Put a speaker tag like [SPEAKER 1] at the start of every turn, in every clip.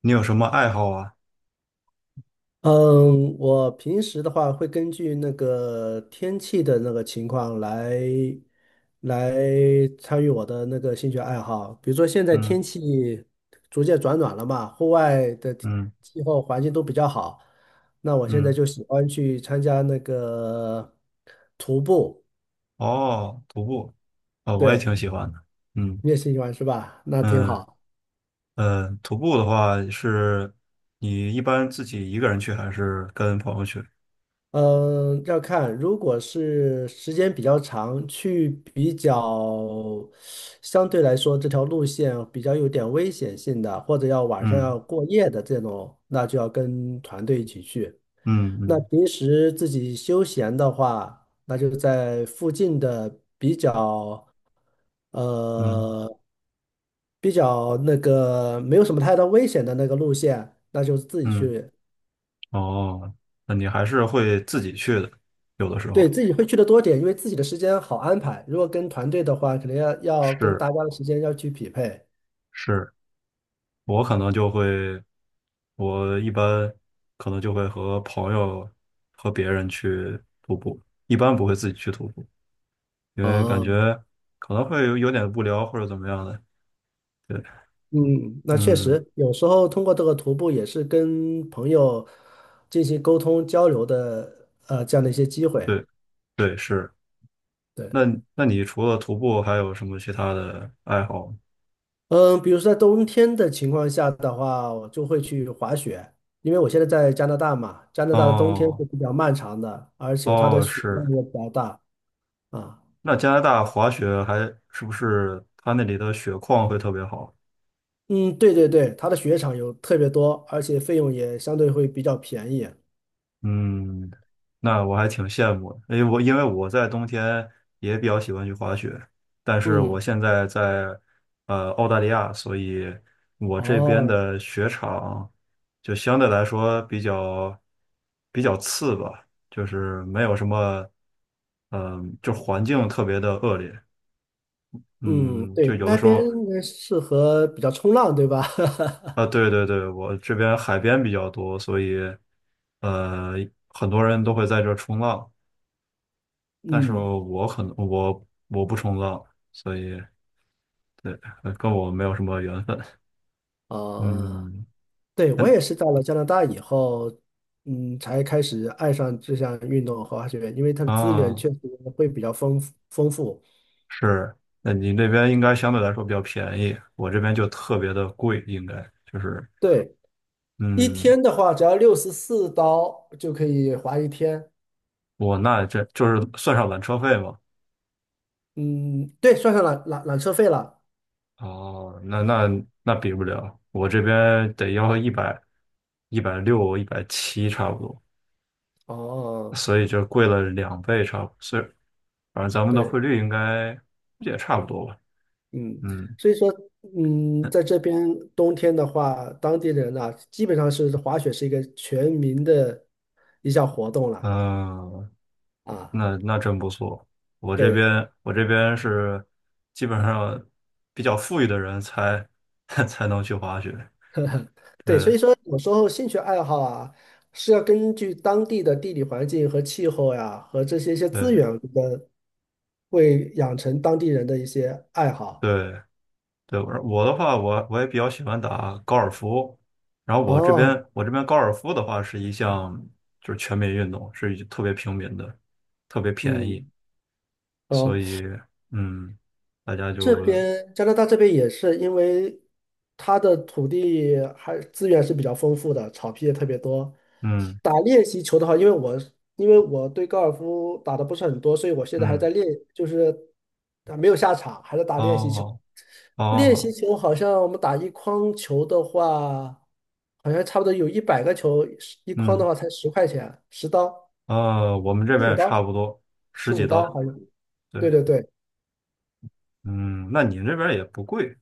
[SPEAKER 1] 你有什么爱好啊？
[SPEAKER 2] 嗯，我平时的话会根据那个天气的那个情况来参与我的那个兴趣爱好。比如说现在
[SPEAKER 1] 嗯
[SPEAKER 2] 天气逐渐转暖了嘛，户外的气
[SPEAKER 1] 嗯
[SPEAKER 2] 气候环境都比较好，那我现在
[SPEAKER 1] 嗯，
[SPEAKER 2] 就喜欢去参加那个徒步。
[SPEAKER 1] 哦，徒步，哦，我也挺
[SPEAKER 2] 对，
[SPEAKER 1] 喜欢的。嗯
[SPEAKER 2] 你也喜欢是吧？那挺
[SPEAKER 1] 嗯
[SPEAKER 2] 好。
[SPEAKER 1] 嗯，徒步的话是，你一般自己一个人去还是跟朋友去？
[SPEAKER 2] 嗯，要看，如果是时间比较长，去比较相对来说这条路线比较有点危险性的，或者要晚上
[SPEAKER 1] 嗯
[SPEAKER 2] 要过夜的这种，那就要跟团队一起去。
[SPEAKER 1] 嗯
[SPEAKER 2] 那
[SPEAKER 1] 嗯
[SPEAKER 2] 平时自己休闲的话，那就在附近的
[SPEAKER 1] 嗯
[SPEAKER 2] 呃比较那个没有什么太大危险的那个路线，那就自己
[SPEAKER 1] 嗯，
[SPEAKER 2] 去。
[SPEAKER 1] 哦，那你还是会自己去的，有的时
[SPEAKER 2] 对，
[SPEAKER 1] 候
[SPEAKER 2] 自己会去的多点，因为自己的时间好安排。如果跟团队的话，可能要跟大
[SPEAKER 1] 是
[SPEAKER 2] 家的时间要去匹配。
[SPEAKER 1] 是，我可能就会，我一般可能就会和朋友和别人去徒步，一般不会自己去徒步。因为感
[SPEAKER 2] 啊，
[SPEAKER 1] 觉可能会有点无聊或者怎么样的。对，
[SPEAKER 2] 嗯，那确
[SPEAKER 1] 嗯，
[SPEAKER 2] 实，有时候通过这个徒步也是跟朋友进行沟通交流的，这样的一些机会。
[SPEAKER 1] 对对是。
[SPEAKER 2] 对，
[SPEAKER 1] 那那你除了徒步还有什么其他的爱好吗？
[SPEAKER 2] 嗯，比如说在冬天的情况下的话，我就会去滑雪，因为我现在在加拿大嘛，加拿大的冬天
[SPEAKER 1] 哦
[SPEAKER 2] 是比较漫长的，而且它的
[SPEAKER 1] 哦
[SPEAKER 2] 雪量
[SPEAKER 1] 是。
[SPEAKER 2] 也比较大啊。
[SPEAKER 1] 那加拿大滑雪还是不是它那里的雪况会特别好？
[SPEAKER 2] 嗯，对对对，它的雪场有特别多，而且费用也相对会比较便宜。
[SPEAKER 1] 嗯，那我还挺羡慕的，因为我在冬天也比较喜欢去滑雪，但是我
[SPEAKER 2] 嗯，
[SPEAKER 1] 现在在呃澳大利亚，所以我这边
[SPEAKER 2] 哦，
[SPEAKER 1] 的雪场就相对来说比较次吧，就是没有什么，嗯、就环境特别的恶劣，
[SPEAKER 2] 嗯，
[SPEAKER 1] 嗯，就
[SPEAKER 2] 对，
[SPEAKER 1] 有的
[SPEAKER 2] 那
[SPEAKER 1] 时
[SPEAKER 2] 边
[SPEAKER 1] 候
[SPEAKER 2] 应该适合比较冲浪，对吧？
[SPEAKER 1] 啊，对对对，我这边海边比较多，所以呃很多人都会在这冲浪。但是
[SPEAKER 2] 嗯，
[SPEAKER 1] 我可能我不冲浪，所以对，呃跟我没有什么缘分。
[SPEAKER 2] 啊，
[SPEAKER 1] 嗯，
[SPEAKER 2] 对，我
[SPEAKER 1] 嗯
[SPEAKER 2] 也是到了加拿大以后，嗯，才开始爱上这项运动和滑雪，因为它的资源
[SPEAKER 1] 啊，
[SPEAKER 2] 确实会比较丰富。
[SPEAKER 1] 是，那你那边应该相对来说比较便宜，我这边就特别的贵，应该就是，
[SPEAKER 2] 对，一
[SPEAKER 1] 嗯，
[SPEAKER 2] 天的话，只要64刀就可以滑一天。
[SPEAKER 1] 我那这就是算上缆车费嘛。
[SPEAKER 2] 嗯，对，算上缆车费了。
[SPEAKER 1] 哦，那比不了，我这边得要一百一百六一百七差不多，
[SPEAKER 2] 哦，
[SPEAKER 1] 所以就贵了两倍差不多，所以反正咱们的汇
[SPEAKER 2] 对。
[SPEAKER 1] 率应该也差不多吧。
[SPEAKER 2] 嗯，
[SPEAKER 1] 嗯，
[SPEAKER 2] 所以说，嗯，在这边冬天的话，当地人啊，基本上是滑雪是一个全民的一项活动了
[SPEAKER 1] 嗯，
[SPEAKER 2] 啊。
[SPEAKER 1] 那那真不错。我这
[SPEAKER 2] 对
[SPEAKER 1] 边我这边是基本上比较富裕的人才 才能去滑雪。
[SPEAKER 2] 对，所以
[SPEAKER 1] 对
[SPEAKER 2] 说有时候兴趣爱好啊，是要根据当地的地理环境和气候呀，和这些一些资
[SPEAKER 1] 对
[SPEAKER 2] 源的，会养成当地人的一些爱好。
[SPEAKER 1] 对对，我的话，我也比较喜欢打高尔夫。然后我这
[SPEAKER 2] 哦，
[SPEAKER 1] 边我这边高尔夫的话是一项就是全民运动，是一特别平民的，特别便宜，
[SPEAKER 2] 嗯，
[SPEAKER 1] 所
[SPEAKER 2] 哦，
[SPEAKER 1] 以嗯，大家
[SPEAKER 2] 这
[SPEAKER 1] 就
[SPEAKER 2] 边加拿大这边也是，因为它的土地还资源是比较丰富的，草皮也特别多。
[SPEAKER 1] 嗯
[SPEAKER 2] 打练习球的话，因为我对高尔夫打的不是很多，所以我现在还
[SPEAKER 1] 嗯
[SPEAKER 2] 在练，就是啊没有下场，还在打练习球。
[SPEAKER 1] 哦
[SPEAKER 2] 练习
[SPEAKER 1] 哦
[SPEAKER 2] 球好像我们打一筐球的话，好像差不多有100个球，一筐的
[SPEAKER 1] 嗯。
[SPEAKER 2] 话才10块钱，10刀，
[SPEAKER 1] 呃，我们这
[SPEAKER 2] 十
[SPEAKER 1] 边
[SPEAKER 2] 五
[SPEAKER 1] 也差
[SPEAKER 2] 刀，
[SPEAKER 1] 不多
[SPEAKER 2] 十
[SPEAKER 1] 十几
[SPEAKER 2] 五刀
[SPEAKER 1] 刀。
[SPEAKER 2] 好像。
[SPEAKER 1] 对，
[SPEAKER 2] 对对对，
[SPEAKER 1] 嗯，那你这边也不贵。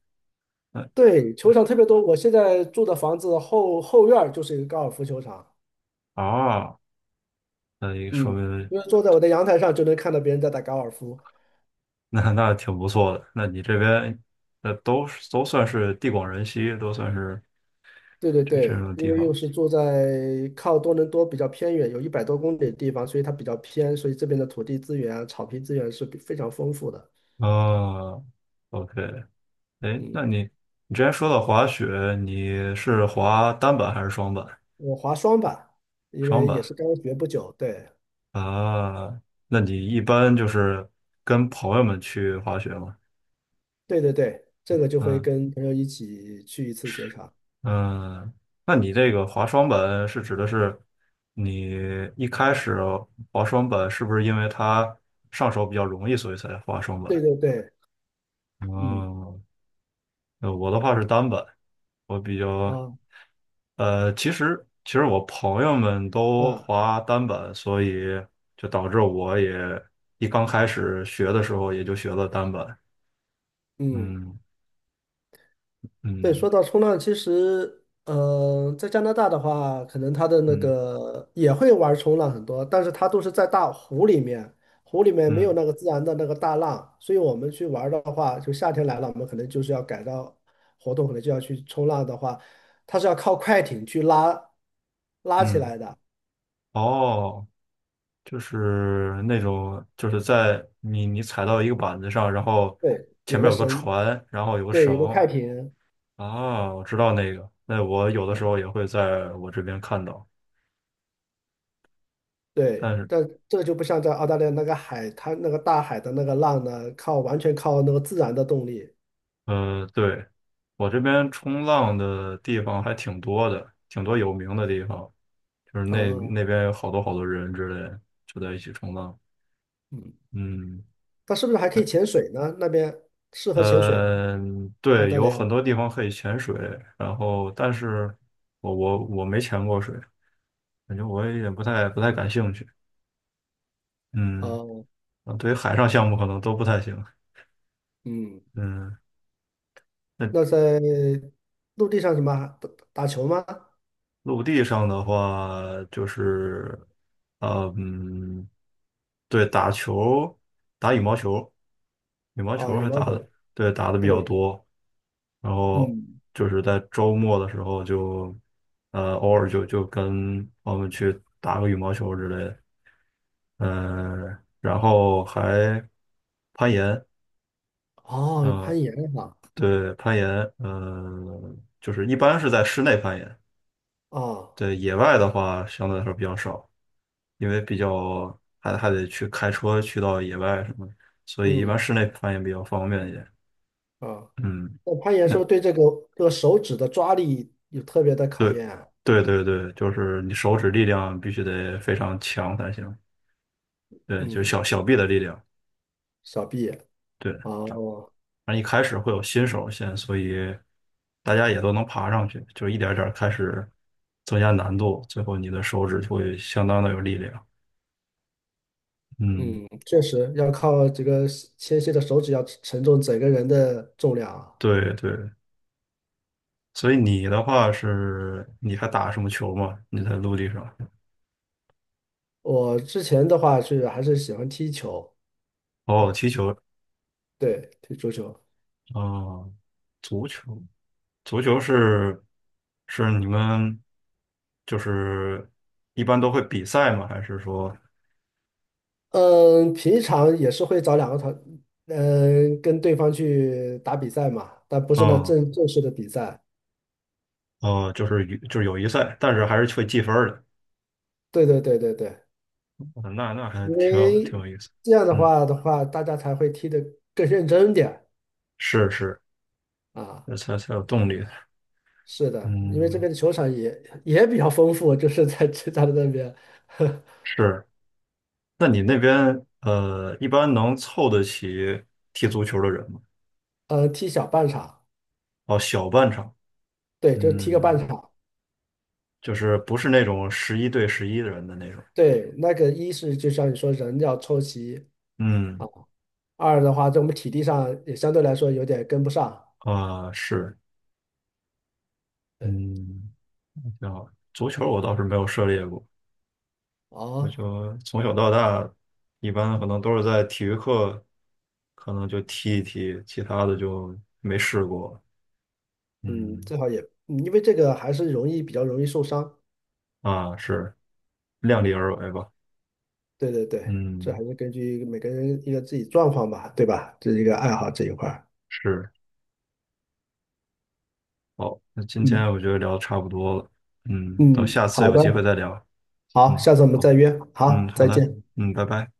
[SPEAKER 1] 那
[SPEAKER 2] 对，球场特别多。我现在住的房子后院儿就是一个高尔夫球场，
[SPEAKER 1] 啊，那也说
[SPEAKER 2] 嗯，
[SPEAKER 1] 明
[SPEAKER 2] 因为坐在我的阳台上就能看到别人在打高尔夫。
[SPEAKER 1] 那那挺不错的。那你这边那都是都算是地广人稀，都算是
[SPEAKER 2] 对对
[SPEAKER 1] 这这
[SPEAKER 2] 对，
[SPEAKER 1] 种地
[SPEAKER 2] 因为
[SPEAKER 1] 方。
[SPEAKER 2] 又是住在靠多伦多比较偏远，有100多公里的地方，所以它比较偏，所以这边的土地资源啊、草皮资源是比非常丰富的。
[SPEAKER 1] 啊，OK,哎，
[SPEAKER 2] 嗯，
[SPEAKER 1] 那你之前说到滑雪，你是滑单板还是双板？
[SPEAKER 2] 我滑双板，因
[SPEAKER 1] 双
[SPEAKER 2] 为也
[SPEAKER 1] 板
[SPEAKER 2] 是刚学不久，对
[SPEAKER 1] 啊，那你一般就是跟朋友们去滑雪吗？
[SPEAKER 2] 对对对，这个就会
[SPEAKER 1] 嗯。
[SPEAKER 2] 跟朋友一起去一次雪场。
[SPEAKER 1] 嗯，那你这个滑双本是指的是你一开始滑双本是不是因为它上手比较容易，所以才滑双本？
[SPEAKER 2] 对对对，嗯
[SPEAKER 1] 嗯，呃我的话是单本，我比较
[SPEAKER 2] 啊
[SPEAKER 1] 呃，其实我朋友们都
[SPEAKER 2] 啊
[SPEAKER 1] 滑单本，所以就导致我也一刚开始学的时候也就学了单本。
[SPEAKER 2] 嗯。
[SPEAKER 1] 嗯
[SPEAKER 2] 对，
[SPEAKER 1] 嗯
[SPEAKER 2] 说到冲浪，其实，在加拿大的话，可能它的那
[SPEAKER 1] 嗯
[SPEAKER 2] 个也会玩冲浪很多，但是它都是在大湖里面，湖里面没有
[SPEAKER 1] 嗯
[SPEAKER 2] 那个自然的那个大浪，所以我们去玩的话，就夏天来了，我们可能就是要改造活动，可能就要去冲浪的话，它是要靠快艇去拉起
[SPEAKER 1] 嗯，
[SPEAKER 2] 来的，
[SPEAKER 1] 哦。就是那种，就是在你踩到一个板子上，然后
[SPEAKER 2] 对，
[SPEAKER 1] 前
[SPEAKER 2] 有
[SPEAKER 1] 面
[SPEAKER 2] 个
[SPEAKER 1] 有个
[SPEAKER 2] 绳，
[SPEAKER 1] 船，然后有个
[SPEAKER 2] 对，有个快
[SPEAKER 1] 绳
[SPEAKER 2] 艇。
[SPEAKER 1] 啊，我知道那个。那我有的时候
[SPEAKER 2] 啊。
[SPEAKER 1] 也会在我这边看到，
[SPEAKER 2] 对，
[SPEAKER 1] 但是
[SPEAKER 2] 但这个就不像在澳大利亚那个海滩、那个大海的那个浪呢，完全靠那个自然的动力。
[SPEAKER 1] 呃，对，我这边冲浪的地方还挺多的，挺多有名的地方，就是那
[SPEAKER 2] 哦，
[SPEAKER 1] 那边有好多好多人之类的就在一起冲浪。
[SPEAKER 2] 嗯，
[SPEAKER 1] 嗯，
[SPEAKER 2] 那是不是还可
[SPEAKER 1] 嗯
[SPEAKER 2] 以潜水呢？那边适合潜水吗？
[SPEAKER 1] 呃，
[SPEAKER 2] 澳
[SPEAKER 1] 对，
[SPEAKER 2] 大利
[SPEAKER 1] 有
[SPEAKER 2] 亚？
[SPEAKER 1] 很多地方可以潜水，然后但是我没潜过水。感觉我有点不太感兴趣。嗯，
[SPEAKER 2] 哦，
[SPEAKER 1] 啊，对于海上项目可能都不太行。
[SPEAKER 2] 嗯，
[SPEAKER 1] 嗯，那
[SPEAKER 2] 那在陆地上什么打打球吗？
[SPEAKER 1] 陆地上的话就是，呃嗯，对，打球，打羽毛球，羽毛
[SPEAKER 2] 哦，
[SPEAKER 1] 球
[SPEAKER 2] 羽
[SPEAKER 1] 还
[SPEAKER 2] 毛
[SPEAKER 1] 打的，
[SPEAKER 2] 球。
[SPEAKER 1] 对，打的比较
[SPEAKER 2] 对，
[SPEAKER 1] 多。然后
[SPEAKER 2] 嗯，
[SPEAKER 1] 就是在周末的时候就，呃，偶尔就跟我们去打个羽毛球之类的。嗯，然后还攀岩。
[SPEAKER 2] 哦，有
[SPEAKER 1] 嗯，
[SPEAKER 2] 攀岩哈，
[SPEAKER 1] 对，攀岩，嗯、就是一般是在室内攀岩，
[SPEAKER 2] 哦，
[SPEAKER 1] 对，野外的话相对来说比较少，因为比较还得去开车去到野外什么的，所以一般
[SPEAKER 2] 嗯，
[SPEAKER 1] 室内攀岩比较方便一点。
[SPEAKER 2] 啊，
[SPEAKER 1] 嗯，
[SPEAKER 2] 那攀岩是不
[SPEAKER 1] 那
[SPEAKER 2] 是对这个手指的抓力有特别的
[SPEAKER 1] 对，
[SPEAKER 2] 考验啊？
[SPEAKER 1] 对对对，就是你手指力量必须得非常强才行，对，就是
[SPEAKER 2] 嗯，
[SPEAKER 1] 小臂的力量，
[SPEAKER 2] 小臂。
[SPEAKER 1] 对，
[SPEAKER 2] 哦，
[SPEAKER 1] 那一开始会有新手先，所以大家也都能爬上去，就一点儿点儿开始增加难度，最后你的手指就会相当的有力量。嗯，
[SPEAKER 2] 确实要靠这个纤细的手指要承重整个人的重量啊。
[SPEAKER 1] 对对，所以你的话是，你还打什么球吗？你在陆地上？
[SPEAKER 2] 我之前的话是还是喜欢踢球
[SPEAKER 1] 哦，
[SPEAKER 2] 啊，
[SPEAKER 1] 踢球
[SPEAKER 2] 对，踢足球。
[SPEAKER 1] 啊，足球，足球是是你们就是一般都会比赛吗？还是说，
[SPEAKER 2] 嗯，平常也是会找两个团，嗯，跟对方去打比赛嘛，但不是那
[SPEAKER 1] 嗯
[SPEAKER 2] 正式的比赛。
[SPEAKER 1] 哦，就是与就是友谊赛，但是还是会计分儿的。
[SPEAKER 2] 对对对对对，
[SPEAKER 1] 哦那还
[SPEAKER 2] 因
[SPEAKER 1] 挺有挺
[SPEAKER 2] 为
[SPEAKER 1] 有意思。
[SPEAKER 2] 这样的
[SPEAKER 1] 嗯，
[SPEAKER 2] 话的话，大家才会踢得更认真点儿
[SPEAKER 1] 是是，
[SPEAKER 2] 啊。
[SPEAKER 1] 这才有动力。
[SPEAKER 2] 是的，因为这
[SPEAKER 1] 嗯，
[SPEAKER 2] 边的球场也比较丰富，就是在浙江的那边，
[SPEAKER 1] 是。那你那边呃，一般能凑得起踢足球的人吗？
[SPEAKER 2] 踢小半场，
[SPEAKER 1] 哦，小半场，
[SPEAKER 2] 对，就踢个半
[SPEAKER 1] 嗯，
[SPEAKER 2] 场。
[SPEAKER 1] 就是不是那种11对11的人的那种，
[SPEAKER 2] 对，那个一是就像你说，人要凑齐，
[SPEAKER 1] 嗯
[SPEAKER 2] 啊，二的话，在我们体力上也相对来说有点跟不上。
[SPEAKER 1] 啊、是，
[SPEAKER 2] 对，
[SPEAKER 1] 嗯，挺好。足球我倒是没有涉猎过，足
[SPEAKER 2] 哦，
[SPEAKER 1] 球从小到大，一般可能都是在体育课，可能就踢一踢，其他的就没试过，
[SPEAKER 2] 嗯，
[SPEAKER 1] 嗯
[SPEAKER 2] 最好也，因为这个还是比较容易受伤。
[SPEAKER 1] 啊，是，量力而为吧，
[SPEAKER 2] 对对对，这还
[SPEAKER 1] 嗯。
[SPEAKER 2] 是根据每个人一个自己状况吧，对吧？这是一个爱好这一块儿。
[SPEAKER 1] 是。好，那今天
[SPEAKER 2] 嗯
[SPEAKER 1] 我觉得聊得差不多了，嗯，
[SPEAKER 2] 嗯，
[SPEAKER 1] 等下次
[SPEAKER 2] 好
[SPEAKER 1] 有
[SPEAKER 2] 的，
[SPEAKER 1] 机会再聊，
[SPEAKER 2] 好，
[SPEAKER 1] 嗯，
[SPEAKER 2] 下次我们
[SPEAKER 1] 好，
[SPEAKER 2] 再约。
[SPEAKER 1] 嗯，
[SPEAKER 2] 好，
[SPEAKER 1] 好
[SPEAKER 2] 再
[SPEAKER 1] 的，
[SPEAKER 2] 见。
[SPEAKER 1] 嗯，拜拜。